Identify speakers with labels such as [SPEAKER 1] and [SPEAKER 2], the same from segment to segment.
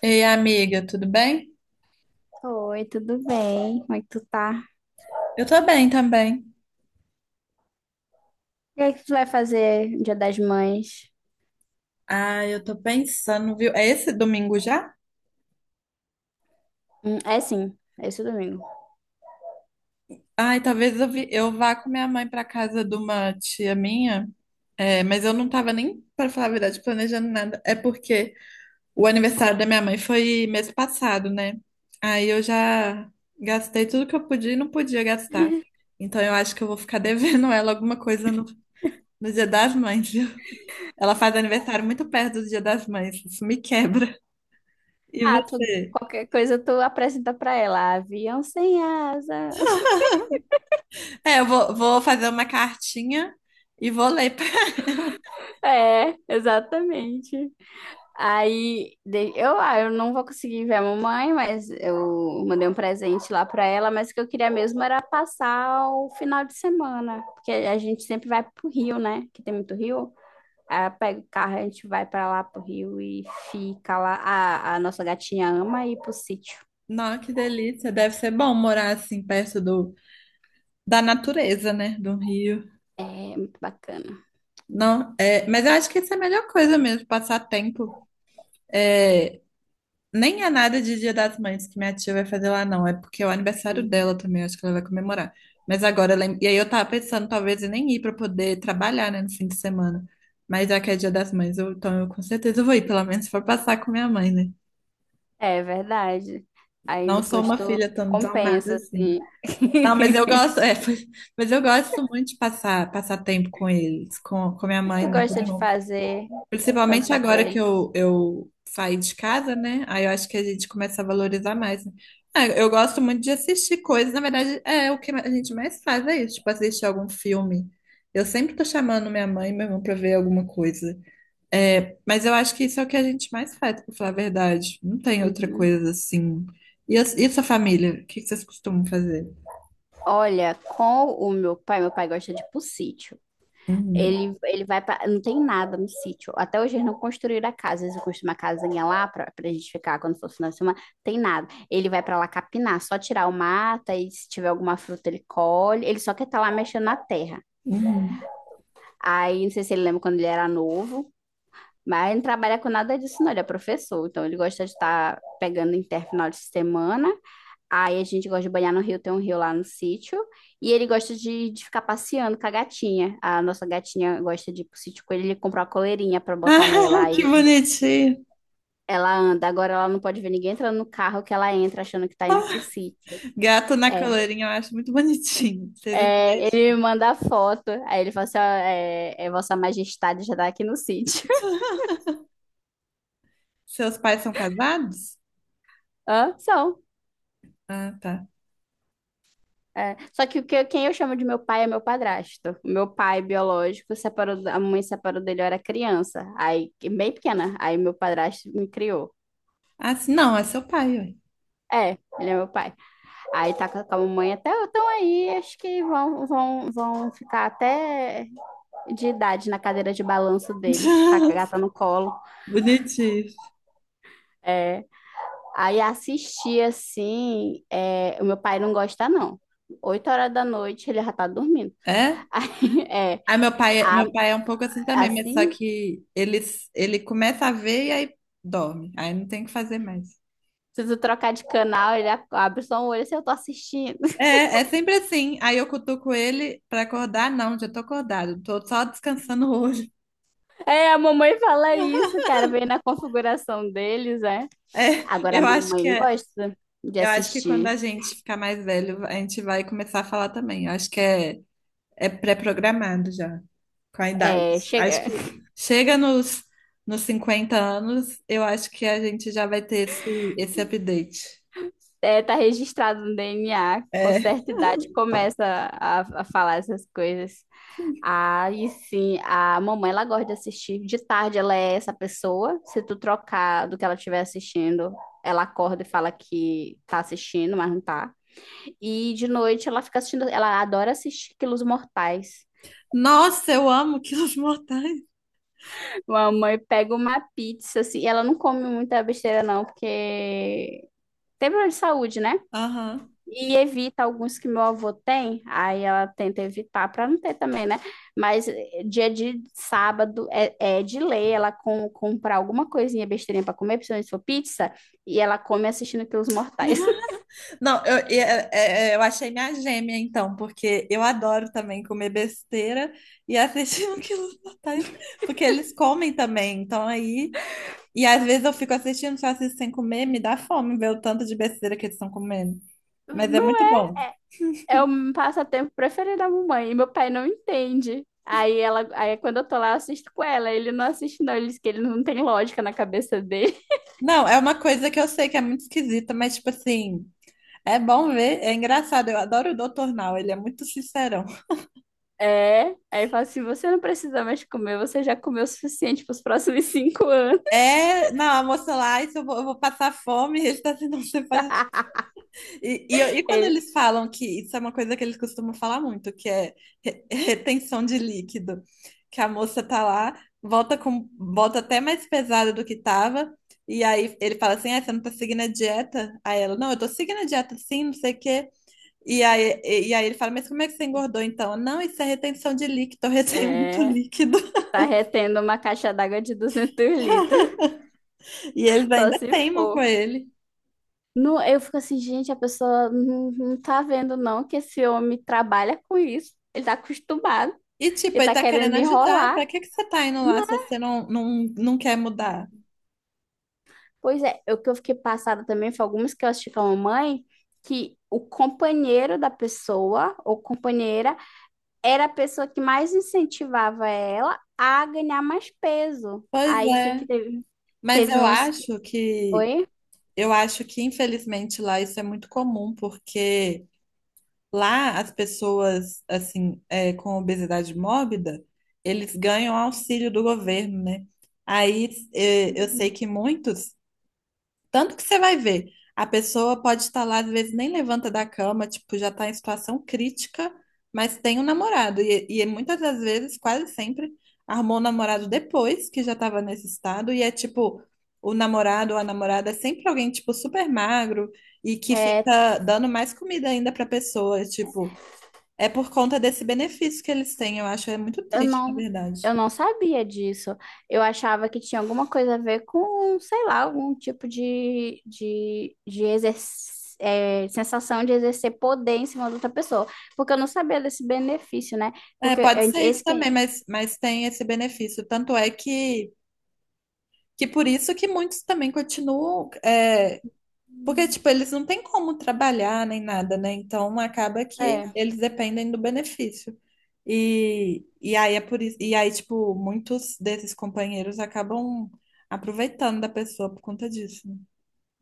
[SPEAKER 1] Ei, amiga, tudo bem?
[SPEAKER 2] Oi, tudo bem? Como é que tu tá?
[SPEAKER 1] Eu tô bem também.
[SPEAKER 2] O que é que tu vai fazer no Dia das Mães?
[SPEAKER 1] Ah, eu tô pensando, viu? É esse domingo já?
[SPEAKER 2] É sim, é esse domingo.
[SPEAKER 1] Ai, talvez eu vá com minha mãe pra casa de uma tia minha. É, mas eu não tava nem, pra falar a verdade, planejando nada. É porque o aniversário da minha mãe foi mês passado, né? Aí eu já gastei tudo que eu podia e não podia gastar. Então eu acho que eu vou ficar devendo ela alguma coisa no Dia das Mães, viu? Ela faz aniversário muito perto do Dia das Mães. Isso me quebra. E
[SPEAKER 2] Ah, tu,
[SPEAKER 1] você?
[SPEAKER 2] qualquer coisa tu apresenta pra ela. Avião sem asa.
[SPEAKER 1] É, eu vou fazer uma cartinha e vou ler pra
[SPEAKER 2] É, exatamente. Aí de- eu, ah, eu não vou conseguir ver a mamãe, mas eu mandei um presente lá pra ela, mas o que eu queria mesmo era passar o final de semana, porque a gente sempre vai pro Rio, né? Que tem muito rio. Aí eu pego o carro, a gente vai pra lá pro Rio e fica lá. A nossa gatinha ama ir pro sítio.
[SPEAKER 1] Nossa, que delícia. Deve ser bom morar assim perto da natureza, né? Do rio.
[SPEAKER 2] É muito bacana.
[SPEAKER 1] Não, é, mas eu acho que isso é a melhor coisa mesmo, passar tempo. É, nem é nada de Dia das Mães que minha tia vai fazer lá, não. É porque é o aniversário dela também, eu acho que ela vai comemorar. Mas agora, e aí eu tava pensando, talvez eu nem ir pra poder trabalhar, né, no fim de semana. Mas já que é Dia das Mães, então eu com certeza vou ir, pelo menos se for passar com minha mãe, né?
[SPEAKER 2] É verdade. Aí
[SPEAKER 1] Não sou
[SPEAKER 2] depois
[SPEAKER 1] uma
[SPEAKER 2] tu
[SPEAKER 1] filha tão desalmada
[SPEAKER 2] compensa,
[SPEAKER 1] assim.
[SPEAKER 2] assim.
[SPEAKER 1] Não, mas eu gosto, é, mas eu gosto muito de passar tempo com eles, com minha
[SPEAKER 2] O que
[SPEAKER 1] mãe,
[SPEAKER 2] tu
[SPEAKER 1] né? Que
[SPEAKER 2] gosta de fazer quando
[SPEAKER 1] principalmente
[SPEAKER 2] tá com
[SPEAKER 1] agora que
[SPEAKER 2] ele?
[SPEAKER 1] eu saí de casa, né? Aí eu acho que a gente começa a valorizar mais, né. Ah, eu gosto muito de assistir coisas, na verdade, é o que a gente mais faz, é isso, tipo, assistir algum filme. Eu sempre tô chamando minha mãe e meu irmão pra ver alguma coisa. É, mas eu acho que isso é o que a gente mais faz, pra falar a verdade. Não tem outra
[SPEAKER 2] Uhum.
[SPEAKER 1] coisa assim. E a sua família? O que que vocês costumam fazer?
[SPEAKER 2] Olha, com o meu pai gosta de ir pro sítio.
[SPEAKER 1] Uhum.
[SPEAKER 2] Ele vai pra. Não tem nada no sítio. Até hoje eles não construíram a casa. Eles construíram uma casinha lá pra gente ficar quando for final de semana. Tem nada. Ele vai pra lá capinar, só tirar o mata e se tiver alguma fruta ele colhe. Ele só quer estar lá mexendo na terra.
[SPEAKER 1] Uhum.
[SPEAKER 2] Aí, não sei se ele lembra quando ele era novo, mas ele não trabalha com nada disso, não. Ele é professor, então ele gosta de estar pegando inter final de semana. Aí a gente gosta de banhar no rio, tem um rio lá no sítio. E ele gosta de ficar passeando com a gatinha. A nossa gatinha gosta de ir pro sítio com ele, ele comprou uma coleirinha pra botar nela.
[SPEAKER 1] Ah, que bonitinho.
[SPEAKER 2] Ela anda. Agora ela não pode ver ninguém entrando no carro que ela entra achando que tá indo pro sítio.
[SPEAKER 1] Gato na
[SPEAKER 2] É.
[SPEAKER 1] coleirinha, eu acho muito bonitinho. Se ele-
[SPEAKER 2] É, ele me manda a foto. Aí ele fala assim: ó, é Vossa Majestade já tá aqui no sítio.
[SPEAKER 1] Seus pais são casados?
[SPEAKER 2] Hã? São.
[SPEAKER 1] Ah, tá.
[SPEAKER 2] É, só que o que quem eu chamo de meu pai é meu padrasto. O meu pai biológico separou, a mãe separou dele, eu era criança. Aí, bem pequena. Aí meu padrasto me criou.
[SPEAKER 1] Ah, sim, não, é seu pai, ué.
[SPEAKER 2] É, ele é meu pai. Aí tá com a mamãe até então aí, acho que vão ficar até de idade na cadeira de balanço deles, com a gata no colo.
[SPEAKER 1] Bonitinho.
[SPEAKER 2] É. Aí assistir assim, é, o meu pai não gosta, não. 8 horas da noite ele já tá dormindo.
[SPEAKER 1] É?
[SPEAKER 2] Aí,
[SPEAKER 1] Ah, meu pai,
[SPEAKER 2] a-
[SPEAKER 1] meu pai é um pouco assim também, mas só
[SPEAKER 2] assim,
[SPEAKER 1] que ele começa a ver e aí dorme. Aí não tem o que fazer mais.
[SPEAKER 2] se tu trocar de canal, ele abre só um olho assim, eu tô assistindo.
[SPEAKER 1] É sempre assim. Aí eu cutuco ele pra acordar. Não, já tô acordado. Tô só descansando o olho.
[SPEAKER 2] É, a mamãe fala isso, cara, vem na configuração deles, é. Agora a
[SPEAKER 1] Eu acho que
[SPEAKER 2] mamãe
[SPEAKER 1] é.
[SPEAKER 2] gosta de
[SPEAKER 1] Eu acho que quando
[SPEAKER 2] assistir.
[SPEAKER 1] a gente ficar mais velho, a gente vai começar a falar também. Eu acho que é pré-programado já, com a idade.
[SPEAKER 2] É,
[SPEAKER 1] Acho
[SPEAKER 2] chega,
[SPEAKER 1] que chega nos 50 anos, eu acho que a gente já vai ter esse update.
[SPEAKER 2] é, tá registrado no DNA, com
[SPEAKER 1] É.
[SPEAKER 2] certa idade começa a falar essas coisas. Aí sim, a mamãe ela gosta de assistir. De tarde ela é essa pessoa. Se tu trocar do que ela estiver assistindo, ela acorda e fala que tá assistindo, mas não tá. E de noite ela fica assistindo, ela adora assistir Quilos Mortais.
[SPEAKER 1] Nossa, eu amo Quilos Mortais.
[SPEAKER 2] Mamãe pega uma pizza, assim, ela não come muita besteira não, porque tem problema de saúde, né?
[SPEAKER 1] Aham.
[SPEAKER 2] E evita alguns que meu avô tem, aí ela tenta evitar para não ter também, né? Mas dia de sábado é de lei ela comprar alguma coisinha besteirinha para comer, principalmente se for pizza, e ela come assistindo Quilos Mortais.
[SPEAKER 1] Não, eu, e- é- é- é, eu achei minha gêmea, então, porque eu adoro também comer besteira e assistir um Quilos Mortais, porque eles comem também, então aí. E às vezes eu fico assistindo, só assisto sem comer, me dá fome ver o tanto de besteira que eles estão comendo. Mas é
[SPEAKER 2] No
[SPEAKER 1] muito bom.
[SPEAKER 2] É o meu passatempo preferido da mamãe. E meu pai não entende. Aí quando eu tô lá, eu assisto com ela. Ele não assiste, não. Ele diz que ele não tem lógica na cabeça dele.
[SPEAKER 1] Não, é uma coisa que eu sei que é muito esquisita, mas tipo assim, é bom ver, é engraçado. Eu adoro o Doutor Now, ele é muito sincerão.
[SPEAKER 2] É. Aí eu falo assim: você não precisa mais comer, você já comeu o suficiente pros próximos 5 anos.
[SPEAKER 1] É, não, a moça lá, isso eu vou passar fome, ele está assim, não, você faz. E quando
[SPEAKER 2] Ele,
[SPEAKER 1] eles falam que isso é uma coisa que eles costumam falar muito, que é retenção de líquido, que a moça tá lá, volta com bota até mais pesada do que tava, e aí ele fala assim: "Ah, você não tá seguindo a dieta?" Aí ela, não, eu tô seguindo a dieta sim, não sei o quê. E aí ele fala, mas como é que você engordou então? Não, isso é retenção de líquido, eu retenho muito
[SPEAKER 2] é,
[SPEAKER 1] líquido.
[SPEAKER 2] tá retendo uma caixa d'água de 200 litros,
[SPEAKER 1] E eles
[SPEAKER 2] só
[SPEAKER 1] ainda
[SPEAKER 2] se
[SPEAKER 1] teimam com
[SPEAKER 2] for.
[SPEAKER 1] ele.
[SPEAKER 2] Não, eu fico assim, gente, a pessoa não tá vendo, não, que esse homem trabalha com isso. Ele tá acostumado,
[SPEAKER 1] E tipo,
[SPEAKER 2] ele
[SPEAKER 1] ele
[SPEAKER 2] tá
[SPEAKER 1] tá querendo
[SPEAKER 2] querendo
[SPEAKER 1] ajudar, pra
[SPEAKER 2] enrolar.
[SPEAKER 1] que que você tá indo lá se você não, não quer mudar?
[SPEAKER 2] Pois é, o que eu fiquei passada também foi algumas que eu assisti com a mamãe, que o companheiro da pessoa, ou companheira, era a pessoa que mais incentivava ela a ganhar mais peso.
[SPEAKER 1] Pois
[SPEAKER 2] Aí, sei
[SPEAKER 1] é.
[SPEAKER 2] que teve,
[SPEAKER 1] Mas
[SPEAKER 2] teve
[SPEAKER 1] eu
[SPEAKER 2] uns que
[SPEAKER 1] acho que
[SPEAKER 2] foi,
[SPEAKER 1] eu acho que infelizmente lá isso é muito comum, porque lá as pessoas assim é, com obesidade mórbida, eles ganham auxílio do governo, né? Aí é, eu sei que muitos tanto que você vai ver, a pessoa pode estar lá, às vezes nem levanta da cama, tipo, já está em situação crítica, mas tem um namorado. E muitas das vezes, quase sempre, arrumou um namorado depois que já estava nesse estado. E é tipo, o namorado ou a namorada é sempre alguém, tipo, super magro e que
[SPEAKER 2] é,
[SPEAKER 1] fica dando mais comida ainda para a pessoa. Tipo, é por conta desse benefício que eles têm. Eu acho, é muito
[SPEAKER 2] Eu
[SPEAKER 1] triste, na verdade.
[SPEAKER 2] eu não sabia disso. Eu achava que tinha alguma coisa a ver com, sei lá, algum tipo de, é, sensação de exercer poder em cima de outra pessoa. Porque eu não sabia desse benefício, né?
[SPEAKER 1] É,
[SPEAKER 2] Porque a
[SPEAKER 1] pode ser isso
[SPEAKER 2] esse que.
[SPEAKER 1] também, mas tem esse benefício. Tanto é que. Que por isso que muitos também continuam, é, porque, tipo, eles não têm como trabalhar nem nada, né? Então acaba que
[SPEAKER 2] É,
[SPEAKER 1] eles dependem do benefício. E aí é por isso, e aí, tipo, muitos desses companheiros acabam aproveitando da pessoa por conta disso, né?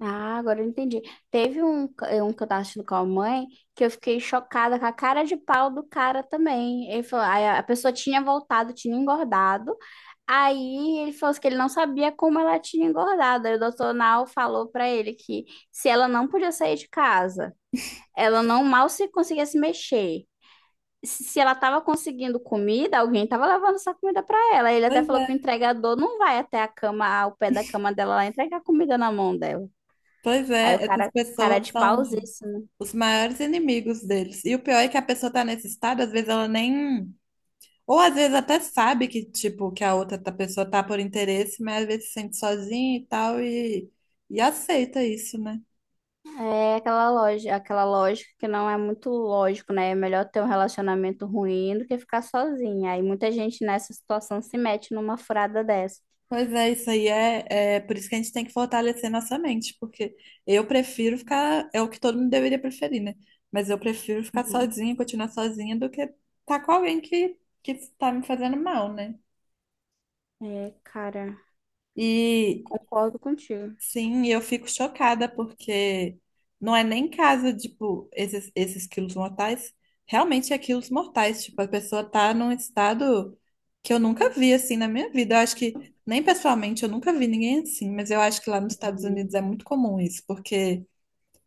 [SPEAKER 2] Ah, agora eu entendi. Teve um que eu tava assistindo com a mãe que eu fiquei chocada com a cara de pau do cara também. Ele falou, aí a pessoa tinha voltado, tinha engordado. Aí ele falou assim que ele não sabia como ela tinha engordado. Aí o doutor Nau falou pra ele que se ela não podia sair de casa, ela não mal se conseguia se mexer. Se ela tava conseguindo comida, alguém tava levando essa comida pra ela. Ele até
[SPEAKER 1] Pois
[SPEAKER 2] falou
[SPEAKER 1] é,
[SPEAKER 2] que o entregador não vai até a cama, ao pé da cama dela lá entregar comida na mão dela.
[SPEAKER 1] pois
[SPEAKER 2] Aí o
[SPEAKER 1] é, essas
[SPEAKER 2] cara, cara
[SPEAKER 1] pessoas
[SPEAKER 2] de
[SPEAKER 1] são
[SPEAKER 2] pausíssimo.
[SPEAKER 1] os maiores inimigos deles. E o pior é que a pessoa tá nesse estado, às vezes ela nem. Ou às vezes até sabe que, tipo, que pessoa tá por interesse, mas às vezes se sente sozinha e tal, e aceita isso, né?
[SPEAKER 2] É aquela loja, aquela lógica que não é muito lógico, né? É melhor ter um relacionamento ruim do que ficar sozinha. Aí muita gente nessa situação se mete numa furada dessa.
[SPEAKER 1] Pois é, isso aí é, por isso que a gente tem que fortalecer nossa mente, porque eu prefiro ficar, é o que todo mundo deveria preferir, né? Mas eu prefiro ficar
[SPEAKER 2] Uhum.
[SPEAKER 1] sozinha, continuar sozinha, do que estar com alguém que tá me fazendo mal, né?
[SPEAKER 2] É, cara,
[SPEAKER 1] E,
[SPEAKER 2] concordo contigo.
[SPEAKER 1] sim, e eu fico chocada porque não é nem casa, tipo, esses quilos mortais. Realmente é quilos mortais. Tipo, a pessoa tá num estado que eu nunca vi assim na minha vida. Eu acho que, nem pessoalmente, eu nunca vi ninguém assim, mas eu acho que lá nos Estados Unidos é muito comum isso, porque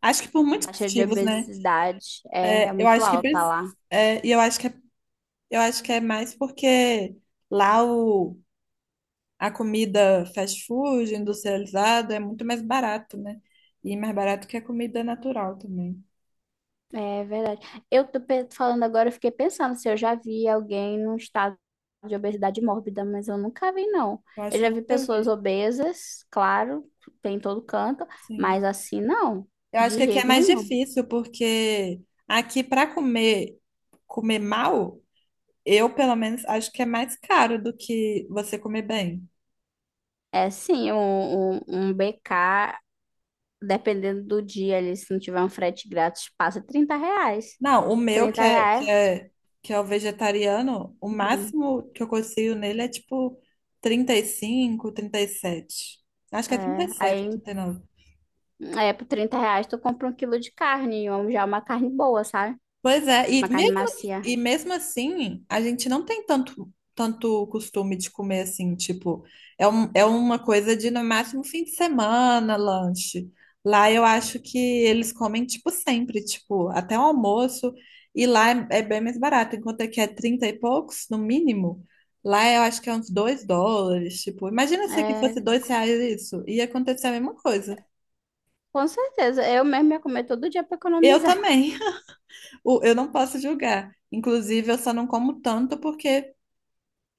[SPEAKER 1] acho que por
[SPEAKER 2] A
[SPEAKER 1] muitos
[SPEAKER 2] taxa de
[SPEAKER 1] motivos, né?
[SPEAKER 2] obesidade é
[SPEAKER 1] É, eu
[SPEAKER 2] muito
[SPEAKER 1] acho que,
[SPEAKER 2] alta lá.
[SPEAKER 1] é, e eu acho que, eu acho que é mais porque lá o a comida fast food, industrializada, é muito mais barato, né? E mais barato que a comida natural também.
[SPEAKER 2] É verdade. Falando agora, eu fiquei pensando se eu já vi alguém num estado de obesidade mórbida, mas eu nunca vi, não.
[SPEAKER 1] Eu
[SPEAKER 2] Eu
[SPEAKER 1] acho que
[SPEAKER 2] já
[SPEAKER 1] eu
[SPEAKER 2] vi
[SPEAKER 1] nunca
[SPEAKER 2] pessoas
[SPEAKER 1] vi.
[SPEAKER 2] obesas, claro, tem em todo canto, mas
[SPEAKER 1] Sim.
[SPEAKER 2] assim não,
[SPEAKER 1] Eu acho
[SPEAKER 2] de
[SPEAKER 1] que aqui é
[SPEAKER 2] jeito
[SPEAKER 1] mais
[SPEAKER 2] nenhum.
[SPEAKER 1] difícil, porque aqui para comer, comer mal, eu pelo menos acho que é mais caro do que você comer bem.
[SPEAKER 2] É sim, um BK, dependendo do dia ali, se não tiver um frete grátis, passa R$ 30.
[SPEAKER 1] Não, o meu que
[SPEAKER 2] 30
[SPEAKER 1] é,
[SPEAKER 2] reais.
[SPEAKER 1] que é, que é o vegetariano, o
[SPEAKER 2] Uhum.
[SPEAKER 1] máximo que eu consigo nele é tipo 30 35, 37. Acho que é trinta e
[SPEAKER 2] É,
[SPEAKER 1] sete ou
[SPEAKER 2] aí,
[SPEAKER 1] 39.
[SPEAKER 2] é, por R$ 30 tu compra um quilo de carne, ou já uma carne boa, sabe?
[SPEAKER 1] Pois é, e
[SPEAKER 2] Uma carne
[SPEAKER 1] mesmo,
[SPEAKER 2] macia.
[SPEAKER 1] e mesmo assim, a gente não tem tanto, tanto costume de comer assim, tipo, é uma coisa de no máximo fim de semana, lanche. Lá eu acho que eles comem, tipo, sempre, tipo, até o almoço, e lá é bem mais barato, enquanto aqui é 30 e poucos, no mínimo, lá eu acho que é uns 2 dólares, tipo, imagina se aqui fosse
[SPEAKER 2] É.
[SPEAKER 1] 2 reais isso, ia acontecer a mesma coisa.
[SPEAKER 2] Com certeza, eu mesmo ia comer todo dia para
[SPEAKER 1] Eu
[SPEAKER 2] economizar.
[SPEAKER 1] também. Eu não posso julgar. Inclusive, eu só não como tanto porque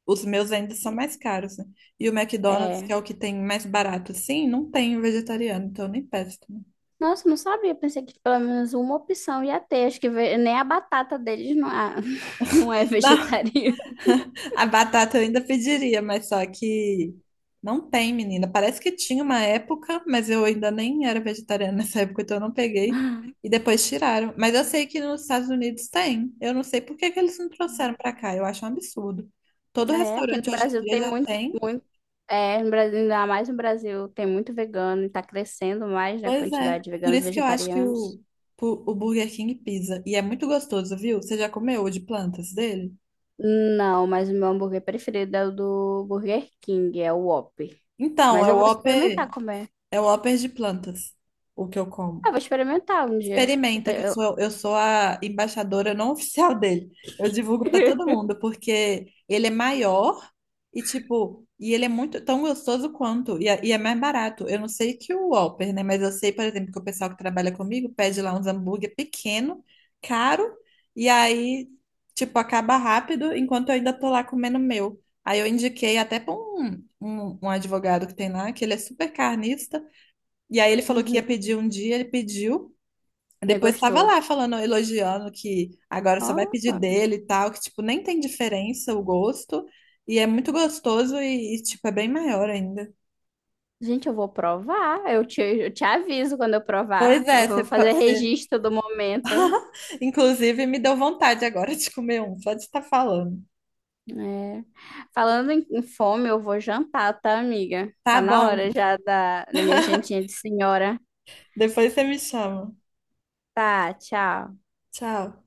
[SPEAKER 1] os meus ainda são mais caros, né? E o McDonald's, que
[SPEAKER 2] É.
[SPEAKER 1] é o que tem mais barato, sim, não tem um vegetariano, então eu nem peço também.
[SPEAKER 2] Nossa, não sabia, pensei que pelo menos uma opção ia ter. Nem a batata deles não, é- não é
[SPEAKER 1] Não,
[SPEAKER 2] vegetariana.
[SPEAKER 1] a batata eu ainda pediria, mas só que não tem, menina. Parece que tinha uma época, mas eu ainda nem era vegetariana nessa época, então eu não peguei. E depois tiraram. Mas eu sei que nos Estados Unidos tem. Eu não sei por que que eles não trouxeram pra cá. Eu acho um absurdo. Todo
[SPEAKER 2] É, aqui no
[SPEAKER 1] restaurante hoje em
[SPEAKER 2] Brasil
[SPEAKER 1] dia
[SPEAKER 2] tem
[SPEAKER 1] já tem.
[SPEAKER 2] muito. É, no Brasil, ainda mais no Brasil, tem muito vegano e tá crescendo mais, né, a
[SPEAKER 1] Pois é.
[SPEAKER 2] quantidade de
[SPEAKER 1] Por
[SPEAKER 2] veganos e
[SPEAKER 1] isso que eu acho que
[SPEAKER 2] vegetarianos.
[SPEAKER 1] o Burger King pisa. E é muito gostoso, viu? Você já comeu o de plantas dele?
[SPEAKER 2] Não, mas o meu hambúrguer preferido é o do Burger King, é o Whopper.
[SPEAKER 1] Então,
[SPEAKER 2] Mas eu vou experimentar comer.
[SPEAKER 1] É o Whopper de plantas, o que eu
[SPEAKER 2] Ah,
[SPEAKER 1] como.
[SPEAKER 2] vou experimentar um dia.
[SPEAKER 1] Experimenta, que eu sou, eu sou a embaixadora não oficial dele. Eu divulgo para todo mundo, porque ele é maior e, tipo, e ele é muito tão gostoso quanto, e é mais barato. Eu não sei que o Whopper, né? Mas eu sei, por exemplo, que o pessoal que trabalha comigo pede lá uns hambúrguer pequeno, caro, e aí, tipo, acaba rápido, enquanto eu ainda tô lá comendo o meu. Aí eu indiquei até para um advogado que tem lá, que ele é super carnista, e aí ele falou que ia
[SPEAKER 2] Uhum.
[SPEAKER 1] pedir um dia, ele pediu.
[SPEAKER 2] Ele
[SPEAKER 1] Depois estava
[SPEAKER 2] gostou.
[SPEAKER 1] lá falando, elogiando que agora só vai
[SPEAKER 2] Ó,
[SPEAKER 1] pedir dele e tal, que tipo, nem tem diferença o gosto, e é muito gostoso tipo, é bem maior ainda.
[SPEAKER 2] gente, eu vou provar. Eu te aviso quando eu provar.
[SPEAKER 1] Pois
[SPEAKER 2] Eu
[SPEAKER 1] é,
[SPEAKER 2] vou fazer registro do momento.
[SPEAKER 1] inclusive me deu vontade agora de comer um, só de estar falando.
[SPEAKER 2] É. Falando em fome, eu vou jantar, tá, amiga?
[SPEAKER 1] Tá
[SPEAKER 2] Tá na hora
[SPEAKER 1] bom,
[SPEAKER 2] já da minha jantinha de senhora.
[SPEAKER 1] depois você me chama.
[SPEAKER 2] Tá, tchau.
[SPEAKER 1] Tchau.